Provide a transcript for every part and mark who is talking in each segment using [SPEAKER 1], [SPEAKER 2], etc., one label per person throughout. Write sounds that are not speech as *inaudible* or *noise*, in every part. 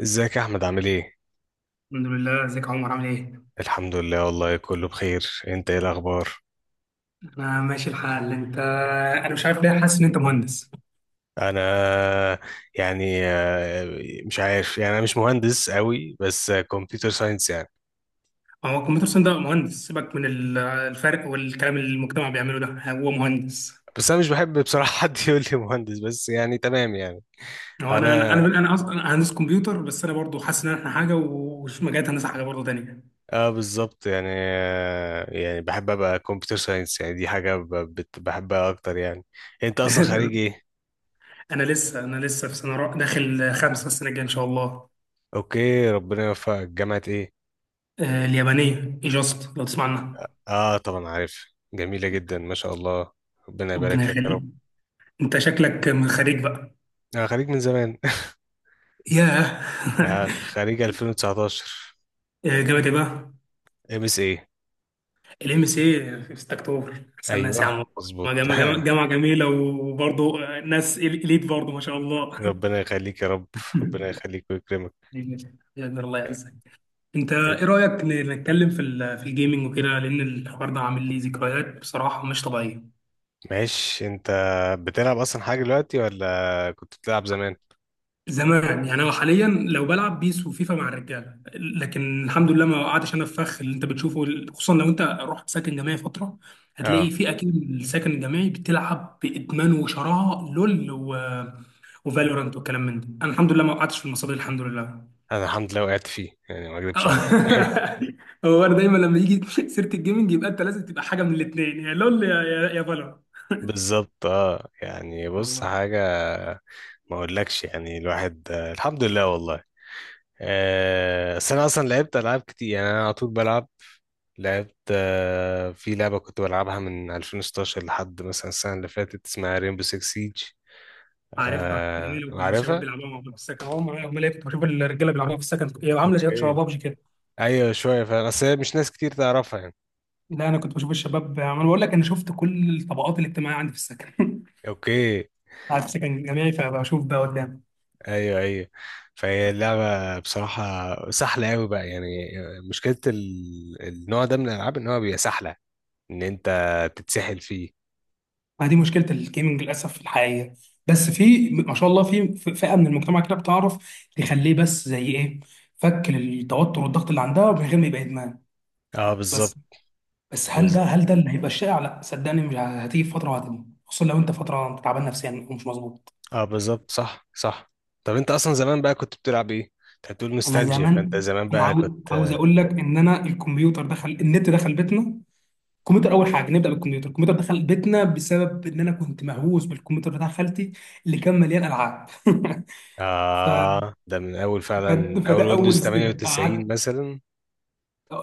[SPEAKER 1] ازيك يا احمد، عامل ايه؟
[SPEAKER 2] الحمد لله. ازيك يا عمر، عامل ايه؟
[SPEAKER 1] الحمد لله والله، كله بخير. انت ايه الاخبار؟
[SPEAKER 2] انا ماشي الحال، انت؟ انا مش عارف ليه حاسس ان انت مهندس.
[SPEAKER 1] انا يعني مش عارف يعني، انا مش مهندس قوي، بس كمبيوتر ساينس يعني.
[SPEAKER 2] هو الكمبيوتر ساينس ده مهندس، سيبك من الفرق والكلام اللي المجتمع بيعمله، ده هو مهندس.
[SPEAKER 1] بس انا مش بحب بصراحة *laughs* حد يقول لي مهندس، بس يعني تمام يعني.
[SPEAKER 2] هو انا انا
[SPEAKER 1] انا
[SPEAKER 2] انا انا اصلا أنا هندس كمبيوتر، بس انا برضو حاسس ان احنا حاجه ومش مجالات هندسه حاجه برضو تانيه.
[SPEAKER 1] اه بالظبط يعني يعني بحب ابقى كمبيوتر ساينس، يعني دي حاجة بحبها اكتر يعني. انت
[SPEAKER 2] *laughs*
[SPEAKER 1] اصلا خريج
[SPEAKER 2] تمام.
[SPEAKER 1] ايه؟
[SPEAKER 2] انا لسه في سنه داخل خمسه، السنه الجايه ان شاء الله.
[SPEAKER 1] اوكي، ربنا يوفقك. جامعة ايه؟
[SPEAKER 2] اليابانيه ايجاست، لو تسمع عنها.
[SPEAKER 1] اه، طبعا عارف. جميلة جدا ما شاء الله. ربنا
[SPEAKER 2] ربنا
[SPEAKER 1] يبارك لك يا
[SPEAKER 2] يخليك.
[SPEAKER 1] رب.
[SPEAKER 2] انت شكلك من خريج بقى.
[SPEAKER 1] أنا خريج من زمان.
[SPEAKER 2] ياه.
[SPEAKER 1] *laughs* خريج 2019.
[SPEAKER 2] *laughs* جامد، ايه بقى؟
[SPEAKER 1] MSI.
[SPEAKER 2] الام سي في 6 اكتوبر، احسن ناس يا
[SPEAKER 1] ايوه،
[SPEAKER 2] عم. والله
[SPEAKER 1] مظبوط.
[SPEAKER 2] جامعه جامعه جامعة جميله، وبرضه ناس اليت برضه ما شاء
[SPEAKER 1] *laughs*
[SPEAKER 2] الله. *laughs*
[SPEAKER 1] ربنا يخليك يا رب. ربنا يخليك ويكرمك.
[SPEAKER 2] بإذن الله، الله
[SPEAKER 1] آه.
[SPEAKER 2] يعزك. انت ايه رايك نتكلم في في الجيمنج وكده؟ لان الحوار ده عامل لي ذكريات بصراحه مش طبيعيه.
[SPEAKER 1] ماشي. انت بتلعب اصلا حاجه دلوقتي ولا كنت بتلعب زمان؟
[SPEAKER 2] زمان يعني، انا حاليا لو بلعب بيس وفيفا مع الرجاله، لكن الحمد لله ما وقعتش انا في فخ اللي انت بتشوفه. خصوصا لو انت رحت ساكن جامعي فتره،
[SPEAKER 1] اه،
[SPEAKER 2] هتلاقي في اكيد الساكن الجامعي بتلعب بادمان وشراهه لول وفالورانت والكلام من ده. انا الحمد لله ما وقعتش في المصادر، الحمد لله.
[SPEAKER 1] انا الحمد لله وقعت فيه يعني، ما اكذبش عليك.
[SPEAKER 2] *laughs* هو أنا دايما لما يجي سيره الجيمنج يبقى انت لازم تبقى حاجه من الاثنين، يا لول يا فالورانت.
[SPEAKER 1] بالظبط. اه، يعني بص
[SPEAKER 2] الله.
[SPEAKER 1] حاجه. ما اقولكش، يعني الواحد الحمد لله والله. بس انا اصلا لعبت العاب كتير، يعني انا على طول بلعب. لعبت في لعبة كنت بلعبها من 2016 لحد مثلا السنة اللي فاتت، اسمها ريمبو 6 سيج.
[SPEAKER 2] عارفها،
[SPEAKER 1] آه،
[SPEAKER 2] جميل. وكنت الشباب
[SPEAKER 1] عارفها؟
[SPEAKER 2] بيلعبوها مع بعض في السكن، هم اللي كنت بشوف الرجاله بيلعبوها في السكن. هي عامله شباب شباب
[SPEAKER 1] اوكي.
[SPEAKER 2] بابجي كده.
[SPEAKER 1] ايوه، شوية فاهم، بس هي مش ناس كتير تعرفها يعني.
[SPEAKER 2] لا، انا كنت بشوف الشباب. انا بقول لك انا شفت كل الطبقات الاجتماعيه عندي في السكن.
[SPEAKER 1] اوكي.
[SPEAKER 2] *laughs* قاعد في سكن جامعي فبشوف ده قدام.
[SPEAKER 1] ايوه، ايوه. فهي اللعبة بصراحة سهلة قوي بقى يعني. مشكلة النوع ده من الألعاب، إن هو بيبقى سهلة. إن أنت تتسحل فيه.
[SPEAKER 2] ما دي مشكله الجيمنج للاسف الحقيقيه، بس في ما شاء الله في فئه من المجتمع كده بتعرف تخليه بس زي ايه، فك للتوتر والضغط اللي عندها من غير ما يبقى ادمان.
[SPEAKER 1] اه، بالظبط.
[SPEAKER 2] بس بس
[SPEAKER 1] بالظبط.
[SPEAKER 2] هل ده اللي هيبقى الشائع؟ لا صدقني، مش هتيجي في فتره، وهتيجي خصوصا لو انت فتره تعبان نفسيا ومش مظبوط.
[SPEAKER 1] اه، بالظبط. صح، صح. طب أنت أصلا زمان بقى كنت بتلعب إيه؟ أنت بتقول
[SPEAKER 2] انا
[SPEAKER 1] نوستالجيا، فأنت
[SPEAKER 2] زمان،
[SPEAKER 1] زمان
[SPEAKER 2] انا
[SPEAKER 1] بقى
[SPEAKER 2] عاوز
[SPEAKER 1] كنت.
[SPEAKER 2] اقول لك ان انا الكمبيوتر دخل، النت دخل بيتنا. الكمبيوتر اول حاجه، نبدا بالكمبيوتر. الكمبيوتر دخل بيتنا بسبب ان انا كنت مهووس بالكمبيوتر بتاع خالتي اللي كان مليان العاب. *laughs* ف...
[SPEAKER 1] آه، ده من أول فعلا، من
[SPEAKER 2] فده
[SPEAKER 1] أول ويندوز
[SPEAKER 2] اول ستيب قعدت.
[SPEAKER 1] 98 مثلا.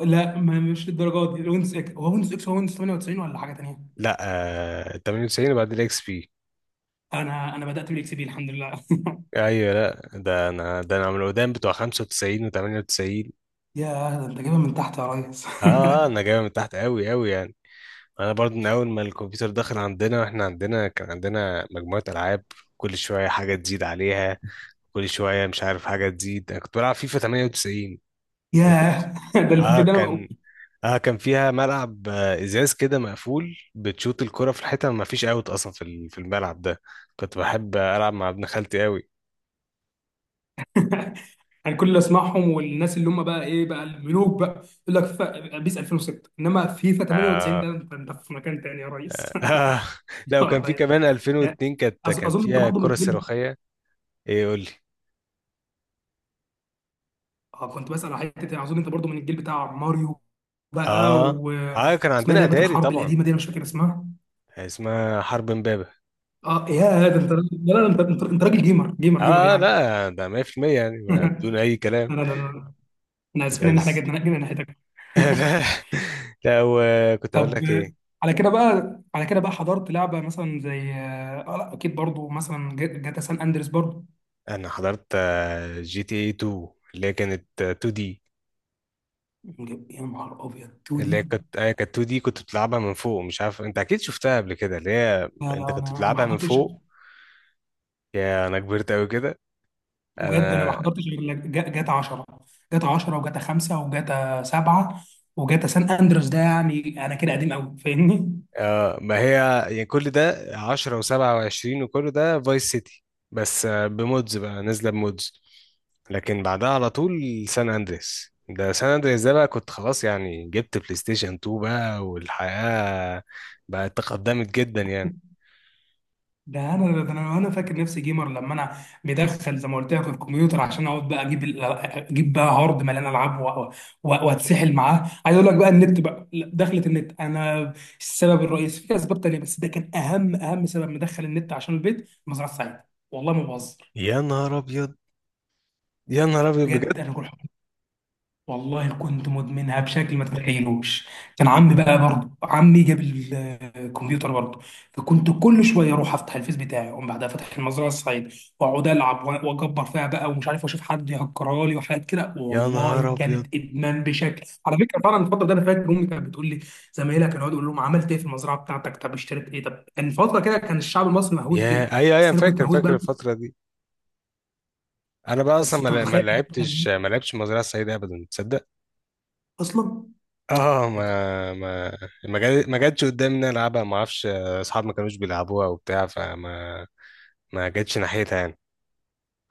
[SPEAKER 2] لا، ما مش للدرجه دي. ويندوز اكس، هو ويندوز اكس، هو ويندوز 98 ولا حاجه تانيه؟
[SPEAKER 1] لا. آه، 98 وبعد الإكس بي.
[SPEAKER 2] انا بدات بالاكس بي الحمد لله. *laughs*
[SPEAKER 1] أيوه، لا، ده أنا من القدام بتوع 95 و98.
[SPEAKER 2] يا، ده انت جايبها من تحت يا ريس.
[SPEAKER 1] أنا جاي من تحت أوي أوي يعني. أنا برضو من أول ما الكمبيوتر دخل عندنا، وإحنا عندنا كان عندنا مجموعة ألعاب. كل شوية حاجة تزيد عليها. كل شوية مش عارف حاجة تزيد. أنا كنت بلعب فيفا 98.
[SPEAKER 2] *laughs*
[SPEAKER 1] وفيفا
[SPEAKER 2] ياه، ده الفيفا ده،
[SPEAKER 1] كان، اه كان فيها ملعب ازاز كده مقفول، بتشوط الكرة في الحيطة، ما فيش اوت اصلا في في الملعب ده. كنت بحب العب مع ابن خالتي قوي.
[SPEAKER 2] يعني كل اللي اسمعهم والناس اللي هم بقى ايه بقى الملوك بقى يقول لك فيفا بيس 2006، انما فيفا 98،
[SPEAKER 1] آه.
[SPEAKER 2] ده أنت في مكان تاني يا ريس.
[SPEAKER 1] *laughs*
[SPEAKER 2] *laughs*
[SPEAKER 1] آه. لا،
[SPEAKER 2] *laughs*
[SPEAKER 1] وكان
[SPEAKER 2] الله
[SPEAKER 1] في
[SPEAKER 2] يعينك.
[SPEAKER 1] كمان
[SPEAKER 2] أ-
[SPEAKER 1] 2002، كان
[SPEAKER 2] اظن انت
[SPEAKER 1] فيها
[SPEAKER 2] برضو من
[SPEAKER 1] كرة
[SPEAKER 2] الجيل.
[SPEAKER 1] صاروخية. ايه، قول لي.
[SPEAKER 2] اه، كنت بسال على حته، يعني اظن انت برضو من الجيل بتاع ماريو بقى
[SPEAKER 1] اه، اه، كان
[SPEAKER 2] واسمها
[SPEAKER 1] عندنا
[SPEAKER 2] لعبه
[SPEAKER 1] اتاري
[SPEAKER 2] الحرب
[SPEAKER 1] طبعا.
[SPEAKER 2] القديمه دي، انا مش فاكر اسمها.
[SPEAKER 1] اسمها حرب امبابة.
[SPEAKER 2] اه يا، ده انت، لا لا، انت راجل جيمر جيمر جيمر
[SPEAKER 1] اه،
[SPEAKER 2] يعني.
[SPEAKER 1] لا ده 100% يعني،
[SPEAKER 2] *laughs* لا
[SPEAKER 1] ما بدون اي كلام.
[SPEAKER 2] لا لا لا. احنا اسفين ان احنا
[SPEAKER 1] بس.
[SPEAKER 2] جينا ناحيتك.
[SPEAKER 1] *laughs* لا، لا،
[SPEAKER 2] *laughs*
[SPEAKER 1] وكنت اقول
[SPEAKER 2] طب.
[SPEAKER 1] لك ايه.
[SPEAKER 2] على كده بقى حضرت لعبه مثلا زي لا اكيد برضو مثلا جاتا سان اندريس برضو.
[SPEAKER 1] انا حضرت GTA 2. اللي هي كانت 2 دي.
[SPEAKER 2] يا نهار ابيض، 2
[SPEAKER 1] اللي هي
[SPEAKER 2] دي!
[SPEAKER 1] كانت 2 دي، كنت بتلعبها من فوق، مش عارف، انت اكيد شفتها قبل كده، اللي هي.
[SPEAKER 2] لا
[SPEAKER 1] انت
[SPEAKER 2] لا،
[SPEAKER 1] كنت
[SPEAKER 2] أنا ما
[SPEAKER 1] بتلعبها من
[SPEAKER 2] حضرتش.
[SPEAKER 1] فوق. يا، انا كبرت قوي كده.
[SPEAKER 2] بجد انا ما
[SPEAKER 1] انا.
[SPEAKER 2] حضرتش غير جاتا 10، جاتا 10 وجاتا 5 وجاتا 7 وجاتا سان اندرس. ده يعني انا كده قديم قوي، فاهمني؟
[SPEAKER 1] آه، ما هي. يعني كل ده 10 و27، وكل ده فايس سيتي. بس بمودز بقى، نازله بمودز. لكن بعدها على طول. سان اندريس ده بقى كنت خلاص يعني، جبت بلاي ستيشن 2 بقى، والحياة بقت تقدمت جدا يعني.
[SPEAKER 2] ده انا ده انا انا فاكر نفسي جيمر لما انا مدخل، زي ما قلت لك، الكمبيوتر، عشان اقعد بقى اجيب اجيب بقى هارد مليان العاب واتسحل معاه. عايز اقول لك بقى، النت بقى، لا، دخلت النت انا السبب الرئيسي. في اسباب تانيه بس ده كان اهم سبب مدخل النت، عشان البيت مزرعه سعيد. والله ما بهزر،
[SPEAKER 1] يا نهار ابيض. يا نهار ابيض بجد.
[SPEAKER 2] بجد. انا كنت، والله كنت مدمنها بشكل ما تتخيلوش. كان عمي بقى برضه، عمي جاب الكمبيوتر برضه. فكنت كل شويه اروح افتح الفيس بتاعي، اقوم بعدها فاتح المزرعه السعيد واقعد العب واكبر فيها بقى، ومش عارف، واشوف حد يهكرها لي وحاجات كده.
[SPEAKER 1] يا
[SPEAKER 2] والله
[SPEAKER 1] نهار ابيض.
[SPEAKER 2] كانت ادمان بشكل، على فكره، فعلا. الفتره دي انا فاكر امي كانت بتقول لي زمايلها كانوا يقعدوا يقولوا لهم عملت ايه في المزرعه بتاعتك، طب اشتريت ايه، طب. كان فتره كده كان الشعب المصري مهووس بيه،
[SPEAKER 1] يا اي اي انا
[SPEAKER 2] بس انا كنت
[SPEAKER 1] فاكر
[SPEAKER 2] مهووس
[SPEAKER 1] فاكر
[SPEAKER 2] بقى.
[SPEAKER 1] الفتره دي. انا بقى اصلا
[SPEAKER 2] بس انت
[SPEAKER 1] ما
[SPEAKER 2] متخيل، أنا
[SPEAKER 1] لعبتش ما لعبتش المزرعه السعيده ابدا، تصدق؟
[SPEAKER 2] اصلا!
[SPEAKER 1] اه. ما جاتش قدامي ان أنا العبها، ما اعرفش، اصحابي ما كانوش بيلعبوها وبتاع، فما ما جاتش ناحيتها يعني.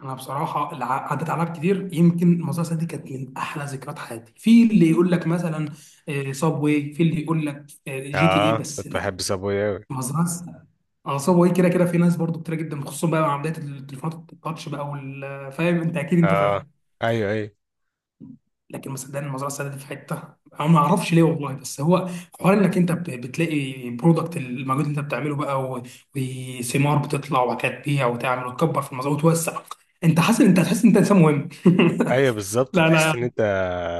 [SPEAKER 2] انا بصراحه اللي عدت عليها كتير، يمكن المزرعه دي كانت من احلى ذكريات حياتي. في اللي يقول لك مثلا صاب واي، في اللي يقول لك جي تي اي،
[SPEAKER 1] اه،
[SPEAKER 2] بس
[SPEAKER 1] كنت
[SPEAKER 2] لا،
[SPEAKER 1] بحب صابوي قوي.
[SPEAKER 2] مزرعه. اه، صاب واي كده كده في ناس برضو كتير جدا، خصوصا بقى مع بدايه التليفونات التاتش بقى فاهم انت، اكيد انت
[SPEAKER 1] اه،
[SPEAKER 2] فاهم.
[SPEAKER 1] ايوه، ايوه.
[SPEAKER 2] لكن مصدقني، المزرعه السعيده دي في حته انا ما اعرفش ليه والله، بس هو حوار انك انت بتلاقي برودكت المجهود اللي انت بتعمله بقى وثمار بتطلع، وبعد كده تبيع وتعمل وتكبر في المزرعه وتوسع. انت حاسس، انت هتحس ان انت انسان مهم. *laughs*
[SPEAKER 1] ايوه بالظبط،
[SPEAKER 2] لا
[SPEAKER 1] تحس
[SPEAKER 2] لا.
[SPEAKER 1] ان انت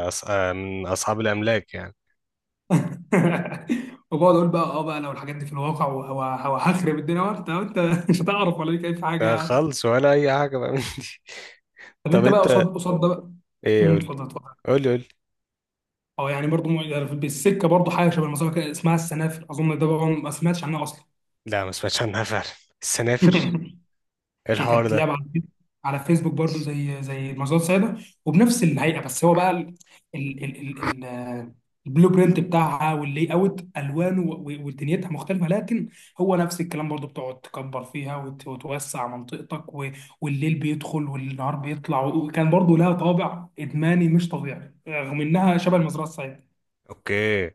[SPEAKER 1] أص... آه، من اصحاب الاملاك يعني.
[SPEAKER 2] *laughs* وبقعد اقول بقى، اه بقى، لو الحاجات دي في الواقع هخرب الدنيا بقى، انت *laughs* مش هتعرف ولا ليك اي في حاجه
[SPEAKER 1] لا
[SPEAKER 2] يعني.
[SPEAKER 1] خالص، ولا اي حاجه بقى من دي. *laughs*
[SPEAKER 2] طب
[SPEAKER 1] طب
[SPEAKER 2] انت بقى
[SPEAKER 1] انت.
[SPEAKER 2] قصاد قصاد ده بقى.
[SPEAKER 1] ايه، قول لي،
[SPEAKER 2] اتفضل اتفضل.
[SPEAKER 1] قول لي، قول لي.
[SPEAKER 2] اه يعني برضو بالسكه برضو حاجه شبه المسابقه كده، اسمها السنافر، اظن. ده بقى ما سمعتش عنها اصلا.
[SPEAKER 1] لا، ما سمعتش عنها فعلا. السنافر.
[SPEAKER 2] *laughs*
[SPEAKER 1] إيه
[SPEAKER 2] هي
[SPEAKER 1] الحوار
[SPEAKER 2] كانت
[SPEAKER 1] ده؟
[SPEAKER 2] لعبه على فيسبوك برضو، زي مزاد سعيده، وبنفس الهيئه، بس هو بقى ال ال ال ال- آه، البلو برينت بتاعها واللي اوت الوانه ودنيتها مختلفه، لكن هو نفس الكلام برضو، بتقعد تكبر فيها وتوسع منطقتك والليل بيدخل والنهار بيطلع، وكان برضو لها طابع ادماني مش طبيعي رغم انها شبه المزرعه السعيده.
[SPEAKER 1] اوكي.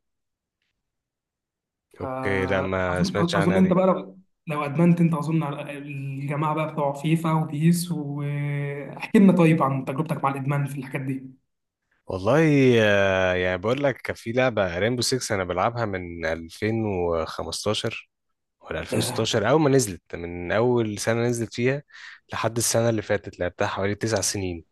[SPEAKER 1] اوكي، لا ما سمعتش
[SPEAKER 2] أظن
[SPEAKER 1] عنها
[SPEAKER 2] أنت
[SPEAKER 1] دي.
[SPEAKER 2] بقى لو، لو أدمنت أنت، أظن، على الجماعة بقى بتوع فيفا وبيس، واحكي لنا طيب عن تجربتك مع الإدمان في الحاجات دي.
[SPEAKER 1] والله يعني بقول لك، كان في لعبة ريمبو 6 انا بلعبها من 2015 ولا
[SPEAKER 2] آه،
[SPEAKER 1] 2016، اول ما نزلت، من اول سنة نزلت فيها. لحد السنة اللي فاتت، لعبتها حوالي 9 سنين.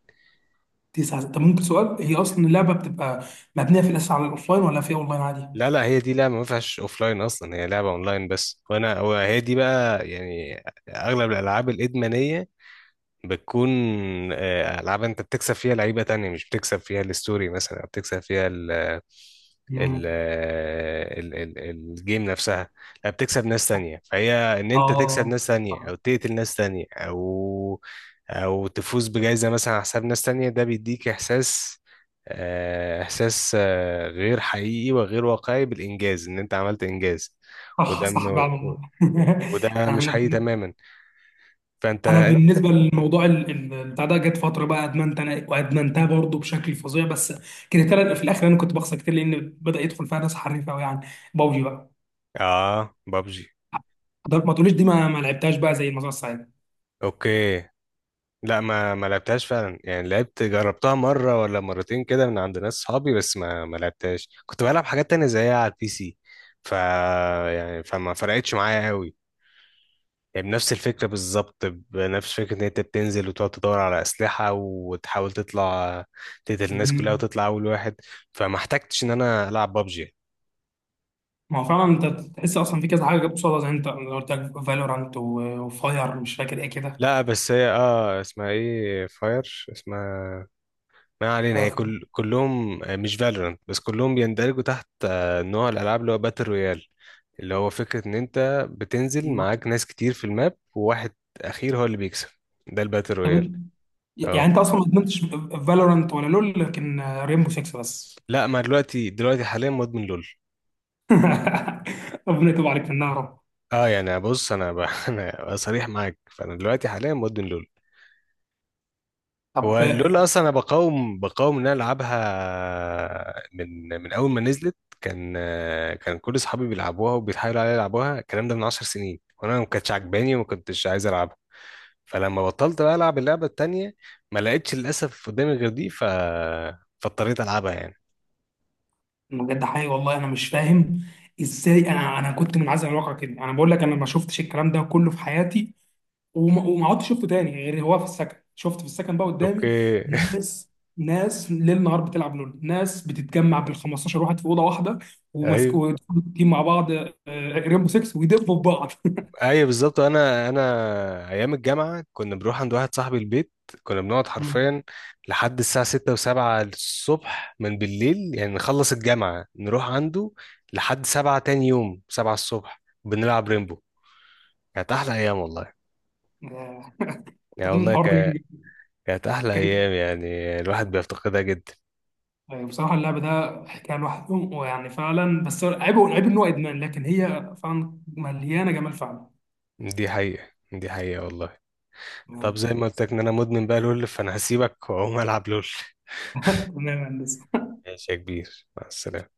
[SPEAKER 2] تسعة. طب ممكن سؤال، هي أصلا اللعبة بتبقى مبنية في الأساس على الأوفلاين ولا في أونلاين عادي؟
[SPEAKER 1] لا، لا، هي دي لعبة ما فيهاش اوفلاين اصلا، هي لعبة اونلاين بس. وانا هو، هي دي بقى يعني، اغلب الالعاب الادمانية بتكون ألعاب أنت بتكسب فيها لعيبة تانية، مش بتكسب فيها الستوري مثلا، أو بتكسب فيها ال ال
[SPEAKER 2] مم.
[SPEAKER 1] ال ال الجيم نفسها. لا، بتكسب ناس تانية. فهي إن أنت تكسب
[SPEAKER 2] آه
[SPEAKER 1] ناس تانية، أو تقتل ناس تانية، أو تفوز بجائزة مثلا على حساب ناس تانية، ده بيديك إحساس، غير حقيقي وغير واقعي بالإنجاز، إن أنت عملت إنجاز.
[SPEAKER 2] صح
[SPEAKER 1] وده
[SPEAKER 2] صح،
[SPEAKER 1] من-
[SPEAKER 2] فعلا والله. *laughs*
[SPEAKER 1] وده
[SPEAKER 2] يعني
[SPEAKER 1] مش
[SPEAKER 2] أنا
[SPEAKER 1] حقيقي تماما. فأنت
[SPEAKER 2] انا
[SPEAKER 1] أنت-
[SPEAKER 2] بالنسبه للموضوع بتاع ده، جت فتره بقى ادمنت انا وادمنتها برضه بشكل فظيع، بس كرهتها في الاخر. انا كنت بخسر كتير لان بدا يدخل فيها ناس حريفه قوي يعني. بابجي بقى،
[SPEAKER 1] آه، بابجي.
[SPEAKER 2] ما تقوليش دي، ما لعبتهاش بقى زي المزرعه السعيده.
[SPEAKER 1] اوكي. لا، ما لعبتهاش فعلا يعني، لعبت، جربتها مره ولا مرتين كده من عند ناس صحابي، بس ما لعبتهاش، كنت بلعب حاجات تانية زيها على البي سي. يعني فما فرقتش معايا قوي يعني، بنفس الفكره بالظبط، بنفس فكره ان انت بتنزل وتقعد تدور على اسلحه وتحاول تطلع، تقتل الناس كلها
[SPEAKER 2] مم.
[SPEAKER 1] وتطلع اول واحد. فما احتجتش ان انا العب بابجي.
[SPEAKER 2] ما هو فعلا انت تحس اصلا في كذا حاجه جت قصادها، زي انت لو قلت لك فالورانت وفاير، مش فاكر ايه كده.
[SPEAKER 1] لا بس هي، اسمها ايه، فاير اسمها. ما علينا، هي
[SPEAKER 2] فاير-
[SPEAKER 1] كلهم مش فالورانت بس، كلهم بيندرجوا تحت نوع الالعاب اللي هو باتل رويال، اللي هو فكره ان انت بتنزل
[SPEAKER 2] ايوه.
[SPEAKER 1] معاك ناس كتير في الماب، وواحد اخير هو اللي بيكسب. ده الباتل
[SPEAKER 2] طب أنت-
[SPEAKER 1] رويال.
[SPEAKER 2] يعني انت
[SPEAKER 1] اه،
[SPEAKER 2] اصلا ما ادمنتش فالورانت ولا لول، لكن ريمبو 6 بس.
[SPEAKER 1] لا، ما دلوقتي حاليا مدمن لول.
[SPEAKER 2] *laughs* ربنا يتوب عليك في النار يا رب.
[SPEAKER 1] اه، يعني بص، *laughs* انا صريح معاك، فانا دلوقتي حاليا مدمن لول.
[SPEAKER 2] طب،
[SPEAKER 1] واللول اصلا انا بقاوم ان انا العبها من اول ما نزلت. كان كان كل اصحابي بيلعبوها وبيتحايلوا عليا يلعبوها، الكلام ده من 10 سنين، وانا ما كانتش عجباني وما كنتش عايز العبها. فلما بطلت بقى العب اللعبه التانيه، ما لقيتش للاسف قدامي غير دي، فاضطريت العبها يعني.
[SPEAKER 2] بجد حقيقي والله، انا مش فاهم ازاي. انا كنت منعزل عن الواقع كده. انا بقول لك انا ما شفتش الكلام ده كله في حياتي، وما عدتش شفته تاني غير هو في السكن. شفت في السكن بقى
[SPEAKER 1] اوكي.
[SPEAKER 2] قدامي
[SPEAKER 1] *laughs*
[SPEAKER 2] ناس ناس ليل نهار بتلعب لول، ناس بتتجمع بال 15 واحد في اوضه واحده، وماسك،
[SPEAKER 1] ايوه،
[SPEAKER 2] ويدخلوا تيم مع بعض ريمبو 6، ويدبوا في بعض. *laughs*
[SPEAKER 1] ايوه بالظبط. انا ايام الجامعه كنا بنروح عند واحد صاحبي البيت، كنا بنقعد
[SPEAKER 2] مم.
[SPEAKER 1] حرفيا لحد الساعه 6 و7 الصبح من بالليل يعني، نخلص الجامعه نروح عنده لحد 7 تاني يوم، 7 الصبح بنلعب ريمبو. كانت احلى ايام والله.
[SPEAKER 2] آه،
[SPEAKER 1] يعني
[SPEAKER 2] اظن
[SPEAKER 1] والله
[SPEAKER 2] الحوار ده
[SPEAKER 1] كانت احلى
[SPEAKER 2] كان،
[SPEAKER 1] ايام، يعني الواحد بيفتقدها جدا.
[SPEAKER 2] بصراحه اللعب ده حكايه لوحده، ويعني فعلا بس عيبه، عيب ان هو ادمان، لكن هي فعلا مليانه جمال.
[SPEAKER 1] دي حقيقه، دي حقيقه والله. طب
[SPEAKER 2] فعلا.
[SPEAKER 1] زي ما قلت لك ان انا مدمن بقى لول، فانا هسيبك واقوم العب لول.
[SPEAKER 2] تمام يا هندسة.
[SPEAKER 1] ماشي يا كبير، مع السلامه.